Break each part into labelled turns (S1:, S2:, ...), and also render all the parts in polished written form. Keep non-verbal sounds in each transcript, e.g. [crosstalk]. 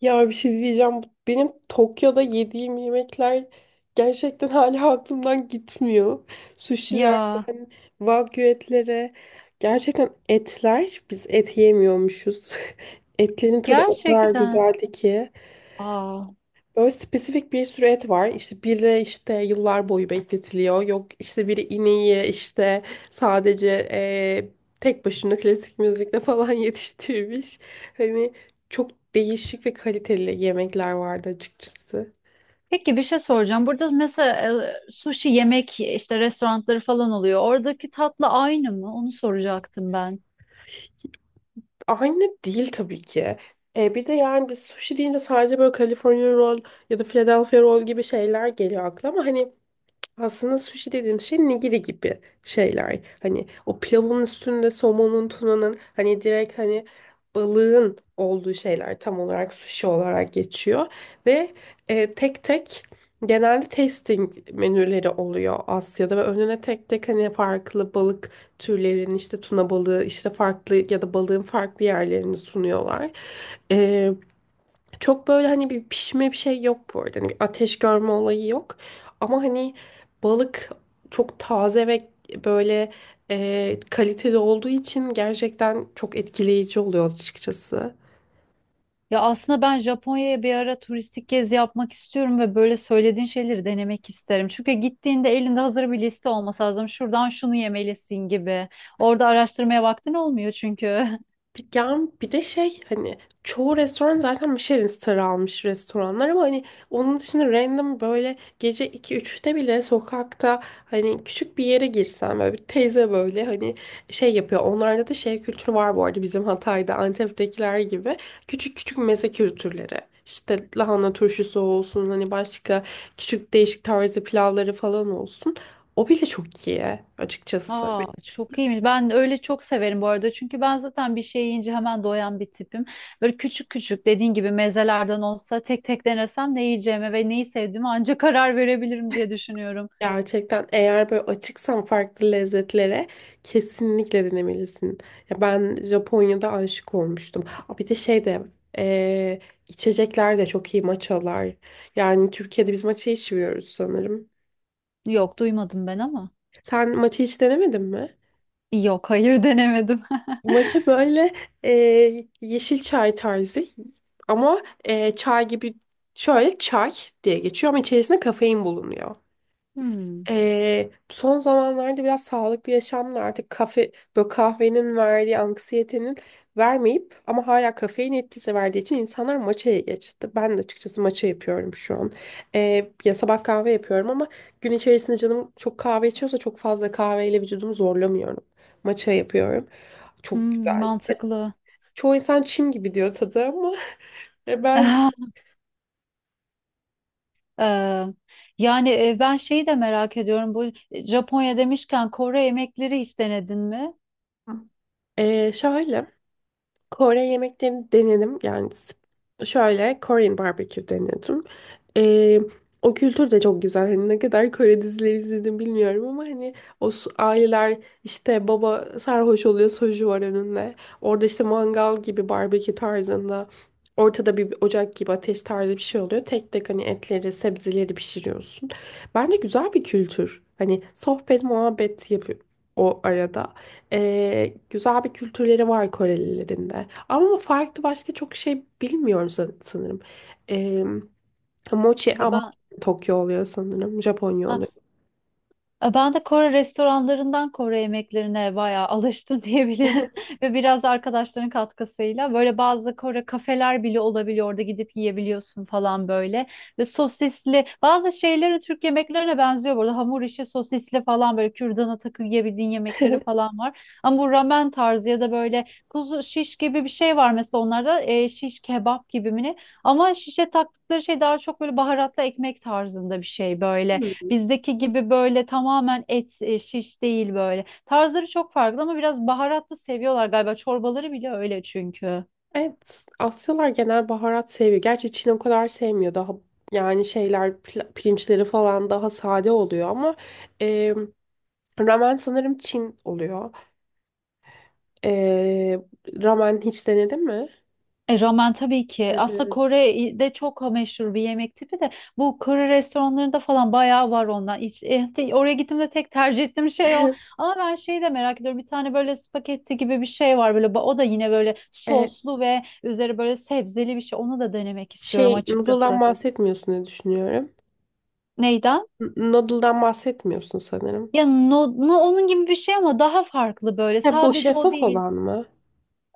S1: Ya bir şey diyeceğim. Benim Tokyo'da yediğim yemekler gerçekten hala aklımdan gitmiyor.
S2: Ya
S1: Sushi'lerden, wagyu etlere. Gerçekten etler, biz et yemiyormuşuz. [laughs] Etlerin tadı o kadar
S2: gerçekten.
S1: güzeldi ki.
S2: Aa.
S1: Böyle spesifik bir sürü et var. İşte biri işte yıllar boyu bekletiliyor. Yok işte biri ineği işte sadece eee, tek başına klasik müzikle falan [laughs] yetiştirmiş. Hani çok değişik ve kaliteli yemekler vardı açıkçası.
S2: Peki bir şey soracağım. Burada mesela sushi yemek işte restoranları falan oluyor. Oradaki tatlı aynı mı? Onu soracaktım ben.
S1: Aynı değil tabii ki. E, bir de yani biz sushi deyince sadece böyle California roll ya da Philadelphia roll gibi şeyler geliyor aklıma. Hani aslında sushi dediğim şey nigiri gibi şeyler. Hani o pilavın üstünde somonun, tunanın hani direkt hani balığın olduğu şeyler tam olarak sushi olarak geçiyor. Ve e, tek tek genelde tasting menüleri oluyor Asya'da ve önüne tek tek hani farklı balık türlerinin işte tuna balığı işte farklı ya da balığın farklı yerlerini sunuyorlar. Çok böyle hani bir pişme bir şey yok bu arada. Hani bir ateş görme olayı yok. Ama hani balık çok taze ve böyle e, kaliteli olduğu için gerçekten çok etkileyici oluyor açıkçası.
S2: Ya aslında ben Japonya'ya bir ara turistik gezi yapmak istiyorum ve böyle söylediğin şeyleri denemek isterim. Çünkü gittiğinde elinde hazır bir liste olması lazım. Şuradan şunu yemelisin gibi. Orada araştırmaya vaktin olmuyor çünkü. [laughs]
S1: Ya bir de şey hani çoğu restoran zaten Michelin starı almış restoranlar ama hani onun dışında random böyle gece iki üçte bile sokakta hani küçük bir yere girsen böyle bir teyze böyle hani şey yapıyor. Onlarda da şey kültürü var bu arada bizim Hatay'da Antep'tekiler gibi küçük küçük meze kültürleri. İşte lahana turşusu olsun hani başka küçük değişik tarzı pilavları falan olsun. O bile çok iyi açıkçası.
S2: Aa, çok iyiymiş. Ben öyle çok severim bu arada. Çünkü ben zaten bir şey yiyince hemen doyan bir tipim. Böyle küçük küçük dediğin gibi mezelerden olsa tek tek denesem ne yiyeceğime ve neyi sevdiğime ancak karar verebilirim diye düşünüyorum.
S1: Gerçekten eğer böyle açıksan farklı lezzetlere kesinlikle denemelisin. Ya ben Japonya'da aşık olmuştum. Aa, bir de şey de eee, içecekler de çok iyi matchalar. Yani Türkiye'de biz matcha içmiyoruz sanırım.
S2: Yok, duymadım ben ama.
S1: Sen matcha hiç denemedin mi?
S2: Yok, hayır denemedim. [laughs]
S1: Matcha böyle yeşil çay tarzı ama çay gibi şöyle çay diye geçiyor ama içerisinde kafein bulunuyor.
S2: Hmm,
S1: Son zamanlarda biraz sağlıklı yaşamla artık kafe, böyle kahvenin verdiği anksiyetenin vermeyip ama hala kafein etkisi verdiği için insanlar matcha'ya geçti. Ben de açıkçası matcha yapıyorum şu an. Ya sabah kahve yapıyorum ama gün içerisinde canım çok kahve içiyorsa çok fazla kahveyle vücudumu zorlamıyorum. Matcha yapıyorum. Çok
S2: hmm,
S1: güzel.
S2: mantıklı.
S1: Çoğu insan çim gibi diyor tadı ama [laughs] e, bence
S2: [laughs] Ee, yani ben şeyi de merak ediyorum. Bu Japonya demişken Kore yemekleri hiç denedin mi?
S1: ee, şöyle Kore yemeklerini denedim. Şöyle Korean barbecue denedim. Ee, o kültür de çok güzel. Hani ne kadar Kore dizileri izledim bilmiyorum ama hani aileler işte baba sarhoş oluyor soju var önünde. Orada işte mangal gibi barbekü tarzında ortada bir ocak gibi ateş tarzı bir şey oluyor. Tek tek hani etleri sebzeleri pişiriyorsun. Bence güzel bir kültür. Hani sohbet muhabbet yapıyor o arada. Güzel bir kültürleri var Korelilerin de. Ama farklı başka çok şey bilmiyorum sanırım. Ee, mochi
S2: Ha,
S1: ama
S2: ben
S1: Tokyo oluyor sanırım. Japonya oluyor.
S2: ha, e, ben de Kore restoranlarından Kore yemeklerine bayağı alıştım [laughs] diyebilirim. Ve biraz da arkadaşların katkısıyla böyle bazı Kore kafeler bile olabiliyor. Orada gidip yiyebiliyorsun falan böyle. Ve sosisli bazı şeyleri Türk yemeklerine benziyor. Burada hamur işi sosisli falan böyle kürdana takıp yiyebildiğin yemekleri
S1: [laughs]
S2: falan var. Ama bu ramen tarzı ya da böyle kuzu şiş gibi bir şey var mesela onlarda şiş kebap gibi mi ne? Ama şişe taktıkları şey daha çok böyle baharatlı ekmek tarzında bir şey böyle. Bizdeki gibi böyle tamamen et şiş değil böyle. Tarzları çok farklı ama biraz baharatlı seviyorlar galiba. Çorbaları bile öyle çünkü.
S1: Evet, Asyalar genel baharat seviyor. Gerçi Çin o kadar sevmiyor. Daha yani şeyler pirinçleri falan daha sade oluyor ama e, ramen sanırım Çin oluyor. E, ramen hiç denedin mi?
S2: Ramen tabii ki.
S1: Evet,
S2: Aslında
S1: evet.
S2: Kore'de çok meşhur bir yemek tipi de bu Kore restoranlarında falan bayağı var ondan. Hiç, oraya gittiğimde tek tercih ettiğim şey o.
S1: [laughs]
S2: Ama ben şeyi de merak ediyorum. Bir tane böyle spagetti gibi bir şey var böyle. O da yine böyle
S1: E,
S2: soslu ve üzeri böyle sebzeli bir şey. Onu da denemek istiyorum
S1: şey noodle'dan
S2: açıkçası.
S1: bahsetmiyorsun diye düşünüyorum.
S2: Neydi?
S1: Noodle'dan bahsetmiyorsun sanırım.
S2: Ya onun gibi bir şey ama daha farklı böyle.
S1: Ha, bu
S2: Sadece o
S1: şeffaf
S2: değil.
S1: olan mı?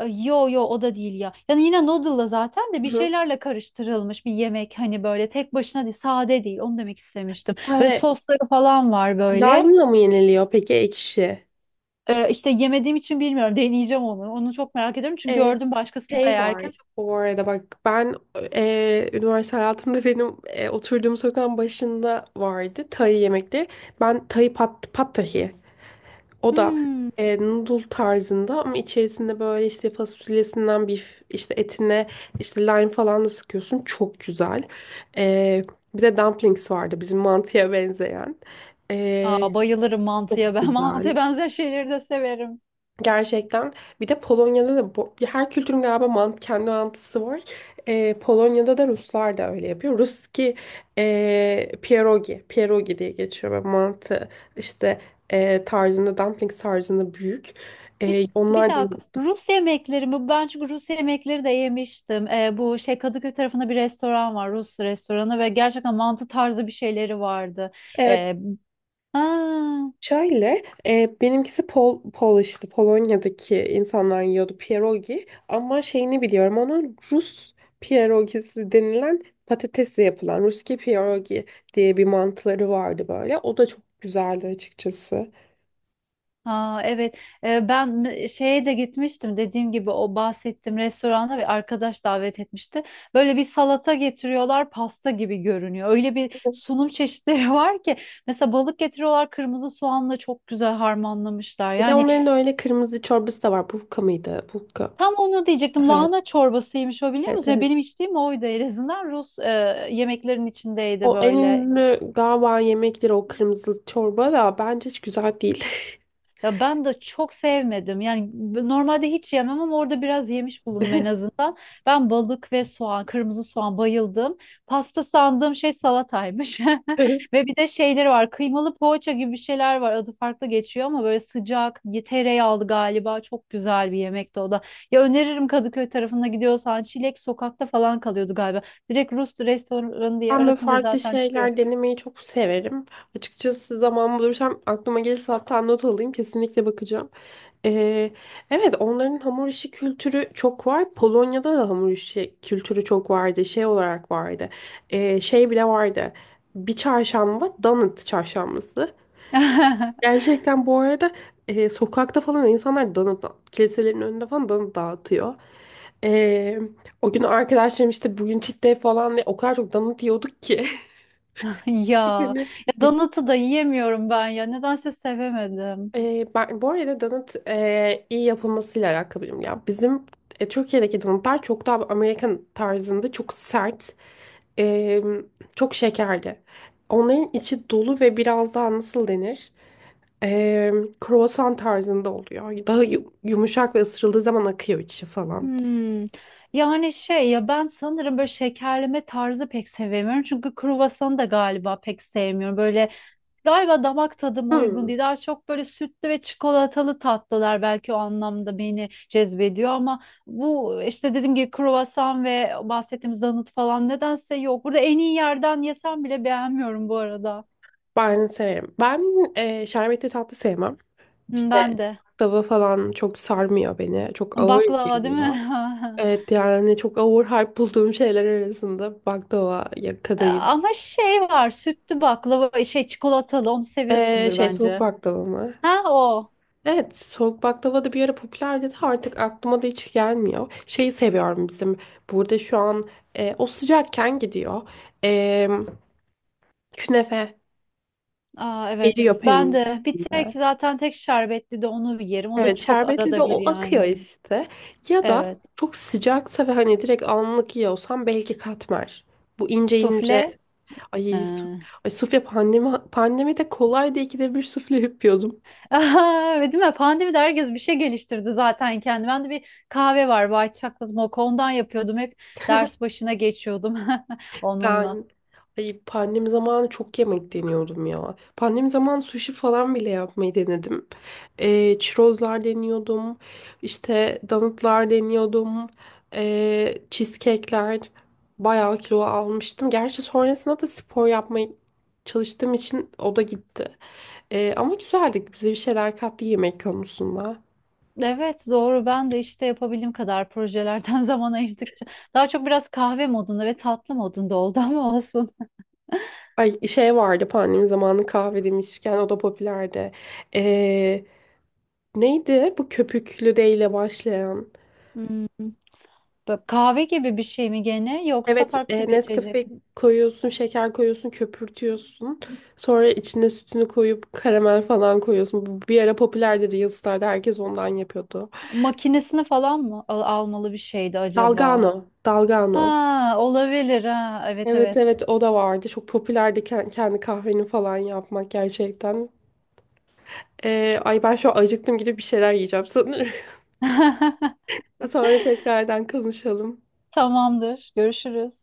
S2: Yo yo, o da değil ya. Yani yine noodle'la zaten de
S1: Hı
S2: bir
S1: hı.
S2: şeylerle karıştırılmış bir yemek, hani böyle tek başına değil, sade değil, onu demek istemiştim. Böyle
S1: Ay,
S2: sosları falan var böyle.
S1: lime'la mı yeniliyor peki ekşi?
S2: İşte yemediğim için bilmiyorum [laughs] deneyeceğim onu. Onu çok merak ediyorum çünkü
S1: E,
S2: gördüm başkasını da
S1: şey var.
S2: yerken. Çok,
S1: Bu arada bak ben e, üniversite hayatımda benim e, oturduğum sokağın başında vardı Tay yemekleri. Ben pad Thai. O da
S2: hmm,
S1: e, noodle tarzında ama içerisinde böyle işte fasulyesinden bir işte etine işte lime falan da sıkıyorsun. Çok güzel. E, bir de dumplings vardı bizim mantıya [laughs] benzeyen. E,
S2: aa, bayılırım
S1: çok
S2: mantıya ben [laughs] mantıya
S1: güzel.
S2: benzer şeyleri de severim.
S1: Gerçekten. Bir de Polonya'da da bu, ya her kültürün galiba kendi mantısı var. Polonya'da da Ruslar da öyle yapıyor. Ruski e, pierogi diye geçiyor ve mantı işte e, tarzında, dumpling tarzında büyük.
S2: Bir,
S1: E,
S2: bir
S1: onlar da
S2: dakika. Rus yemekleri mi? Ben çünkü Rus yemekleri de yemiştim. Bu şey Kadıköy tarafında bir restoran var. Rus restoranı ve gerçekten mantı tarzı bir şeyleri vardı.
S1: evet.
S2: Ee, ha,
S1: Şöyle, e, benimkisi Pol işte Polonya'daki insanlar yiyordu pierogi ama şeyini biliyorum onun Rus pierogisi denilen patatesle yapılan Ruski pierogi diye bir mantıları vardı böyle. O da çok güzeldi açıkçası.
S2: ha, evet. Ben şeye de gitmiştim. Dediğim gibi o bahsettiğim restorana bir arkadaş davet etmişti. Böyle bir salata getiriyorlar. Pasta gibi görünüyor. Öyle bir sunum çeşitleri [laughs] var ki. Mesela balık getiriyorlar. Kırmızı soğanla çok güzel harmanlamışlar.
S1: Bir de
S2: Yani
S1: onların öyle kırmızı çorbası da var. Bulka mıydı? Bulka.
S2: tam onu diyecektim.
S1: Evet.
S2: Lahana çorbasıymış o, biliyor
S1: Evet,
S2: musun? Yani benim
S1: evet.
S2: içtiğim oydu en azından. Rus yemeklerin içindeydi
S1: O en
S2: böyle.
S1: ünlü galiba yemekleri o kırmızı çorba da bence hiç güzel değil.
S2: Ya ben de çok sevmedim. Yani normalde hiç yemem ama orada biraz yemiş bulundum en azından. Ben balık ve soğan, kırmızı soğan bayıldım. Pasta sandığım şey salataymış.
S1: [laughs]
S2: [laughs] Ve bir de şeyleri var. Kıymalı poğaça gibi bir şeyler var. Adı farklı geçiyor ama böyle sıcak, tereyağlı galiba. Çok güzel bir yemekti o da. Ya öneririm, Kadıköy tarafına gidiyorsan. Çilek sokakta falan kalıyordu galiba. Direkt Rus restoranı diye
S1: Ben böyle
S2: aratınca
S1: farklı
S2: zaten çıkıyor.
S1: şeyler denemeyi çok severim. Açıkçası zaman bulursam aklıma gelirse hatta not alayım kesinlikle bakacağım. Ee, evet onların hamur işi kültürü çok var. Polonya'da da hamur işi kültürü çok vardı. Şey olarak vardı. Şey bile vardı. Bir çarşamba donut çarşambası.
S2: [laughs]
S1: Gerçekten bu arada e, sokakta falan insanlar donut kiliselerin önünde falan donut dağıtıyor. Ee, o gün arkadaşlarım işte bugün cheat day falan diye o kadar çok donut yiyorduk ki. [laughs]
S2: [laughs] Ya,
S1: Hani,
S2: ya donatı da yiyemiyorum ben ya. Nedense sevemedim.
S1: e, ben, bu arada donut e, iyi yapılmasıyla alakalıyım ya. Bizim e, Türkiye'deki donutlar çok daha Amerikan tarzında çok sert, e, çok şekerli. Onların içi dolu ve biraz daha nasıl denir? E, kruvasan tarzında oluyor. Daha yumuşak ve ısırıldığı zaman akıyor içi falan.
S2: Hmm. Yani şey ya, ben sanırım böyle şekerleme tarzı pek sevemiyorum. Çünkü kruvasanı da galiba pek sevmiyorum. Böyle galiba damak tadıma uygun
S1: Hmm,
S2: değil. Daha çok böyle sütlü ve çikolatalı tatlılar belki o anlamda beni cezbediyor ama bu işte dediğim gibi kruvasan ve bahsettiğimiz donut falan nedense yok. Burada en iyi yerden yesem bile beğenmiyorum bu arada.
S1: ben severim. Ben e, şerbetli tatlı sevmem.
S2: Hı,
S1: İşte
S2: ben de.
S1: baklava falan çok sarmıyor beni. Çok ağır
S2: Baklava değil
S1: geliyor.
S2: mi? [laughs]
S1: Evet yani çok overhype bulduğum şeyler arasında baklava ya
S2: E,
S1: kadayıf.
S2: ama şey var, sütlü baklava, şey çikolatalı, onu seviyorsundur
S1: Şey soğuk
S2: bence.
S1: baklava mı?
S2: Ha, o.
S1: Evet soğuk baklava da bir ara popülerdi de artık aklıma da hiç gelmiyor. Şeyi seviyorum bizim burada şu an e, o sıcakken gidiyor. Ee, künefe
S2: Aa, evet.
S1: eriyor
S2: Ben
S1: peynirin
S2: de bir tek
S1: içinde.
S2: zaten tek şerbetli de onu yerim. O da
S1: Evet
S2: çok
S1: şerbetli de
S2: arada bir
S1: o
S2: yani.
S1: akıyor işte. Ya da
S2: Evet.
S1: çok sıcaksa ve hani direkt anlık yiyorsam belki katmer. Bu ince
S2: Sufle.
S1: ince ay, su
S2: Ha.
S1: ay sufle pandemide kolaydı ikide bir sufle yapıyordum.
S2: Aha, [laughs] değil mi? Pandemide herkes bir şey geliştirdi zaten kendi. Ben de bir kahve var, White Chocolate Mocha. Ondan yapıyordum. Hep ders başına geçiyordum [laughs] onunla.
S1: Ben ay pandemi zamanı çok yemek deniyordum ya. Pandemi zamanı sushi falan bile yapmayı denedim. Çirozlar deniyordum. İşte donutlar deniyordum. Cheesecake'ler bayağı kilo almıştım. Gerçi sonrasında da spor yapmaya çalıştığım için o da gitti. Ama güzeldi. Bize bir şeyler kattı yemek konusunda.
S2: Evet doğru, ben de işte yapabildiğim kadar projelerden [laughs] zaman ayırdıkça daha çok biraz kahve modunda ve tatlı modunda oldu ama olsun.
S1: Ay şey vardı pandemi zamanı kahve demişken o da popülerdi. Ee, neydi bu köpüklü de ile başlayan?
S2: Hmm. Bak, kahve gibi bir şey mi gene yoksa
S1: Evet
S2: farklı
S1: e,
S2: bir içecek
S1: Nescafe
S2: mi?
S1: koyuyorsun, şeker koyuyorsun, köpürtüyorsun. Sonra içine sütünü koyup karamel falan koyuyorsun. Bu bir ara popülerdi Reels'larda herkes ondan yapıyordu.
S2: Makinesini falan mı almalı bir şeydi acaba?
S1: Dalgano.
S2: Ha, olabilir, ha evet
S1: Evet,
S2: evet.
S1: evet o da vardı. Çok popülerdi kendi kahveni falan yapmak gerçekten. Ay ben şu an acıktım gidip bir şeyler yiyeceğim sanırım.
S2: [laughs]
S1: [laughs] Sonra tekrardan konuşalım.
S2: Tamamdır, görüşürüz.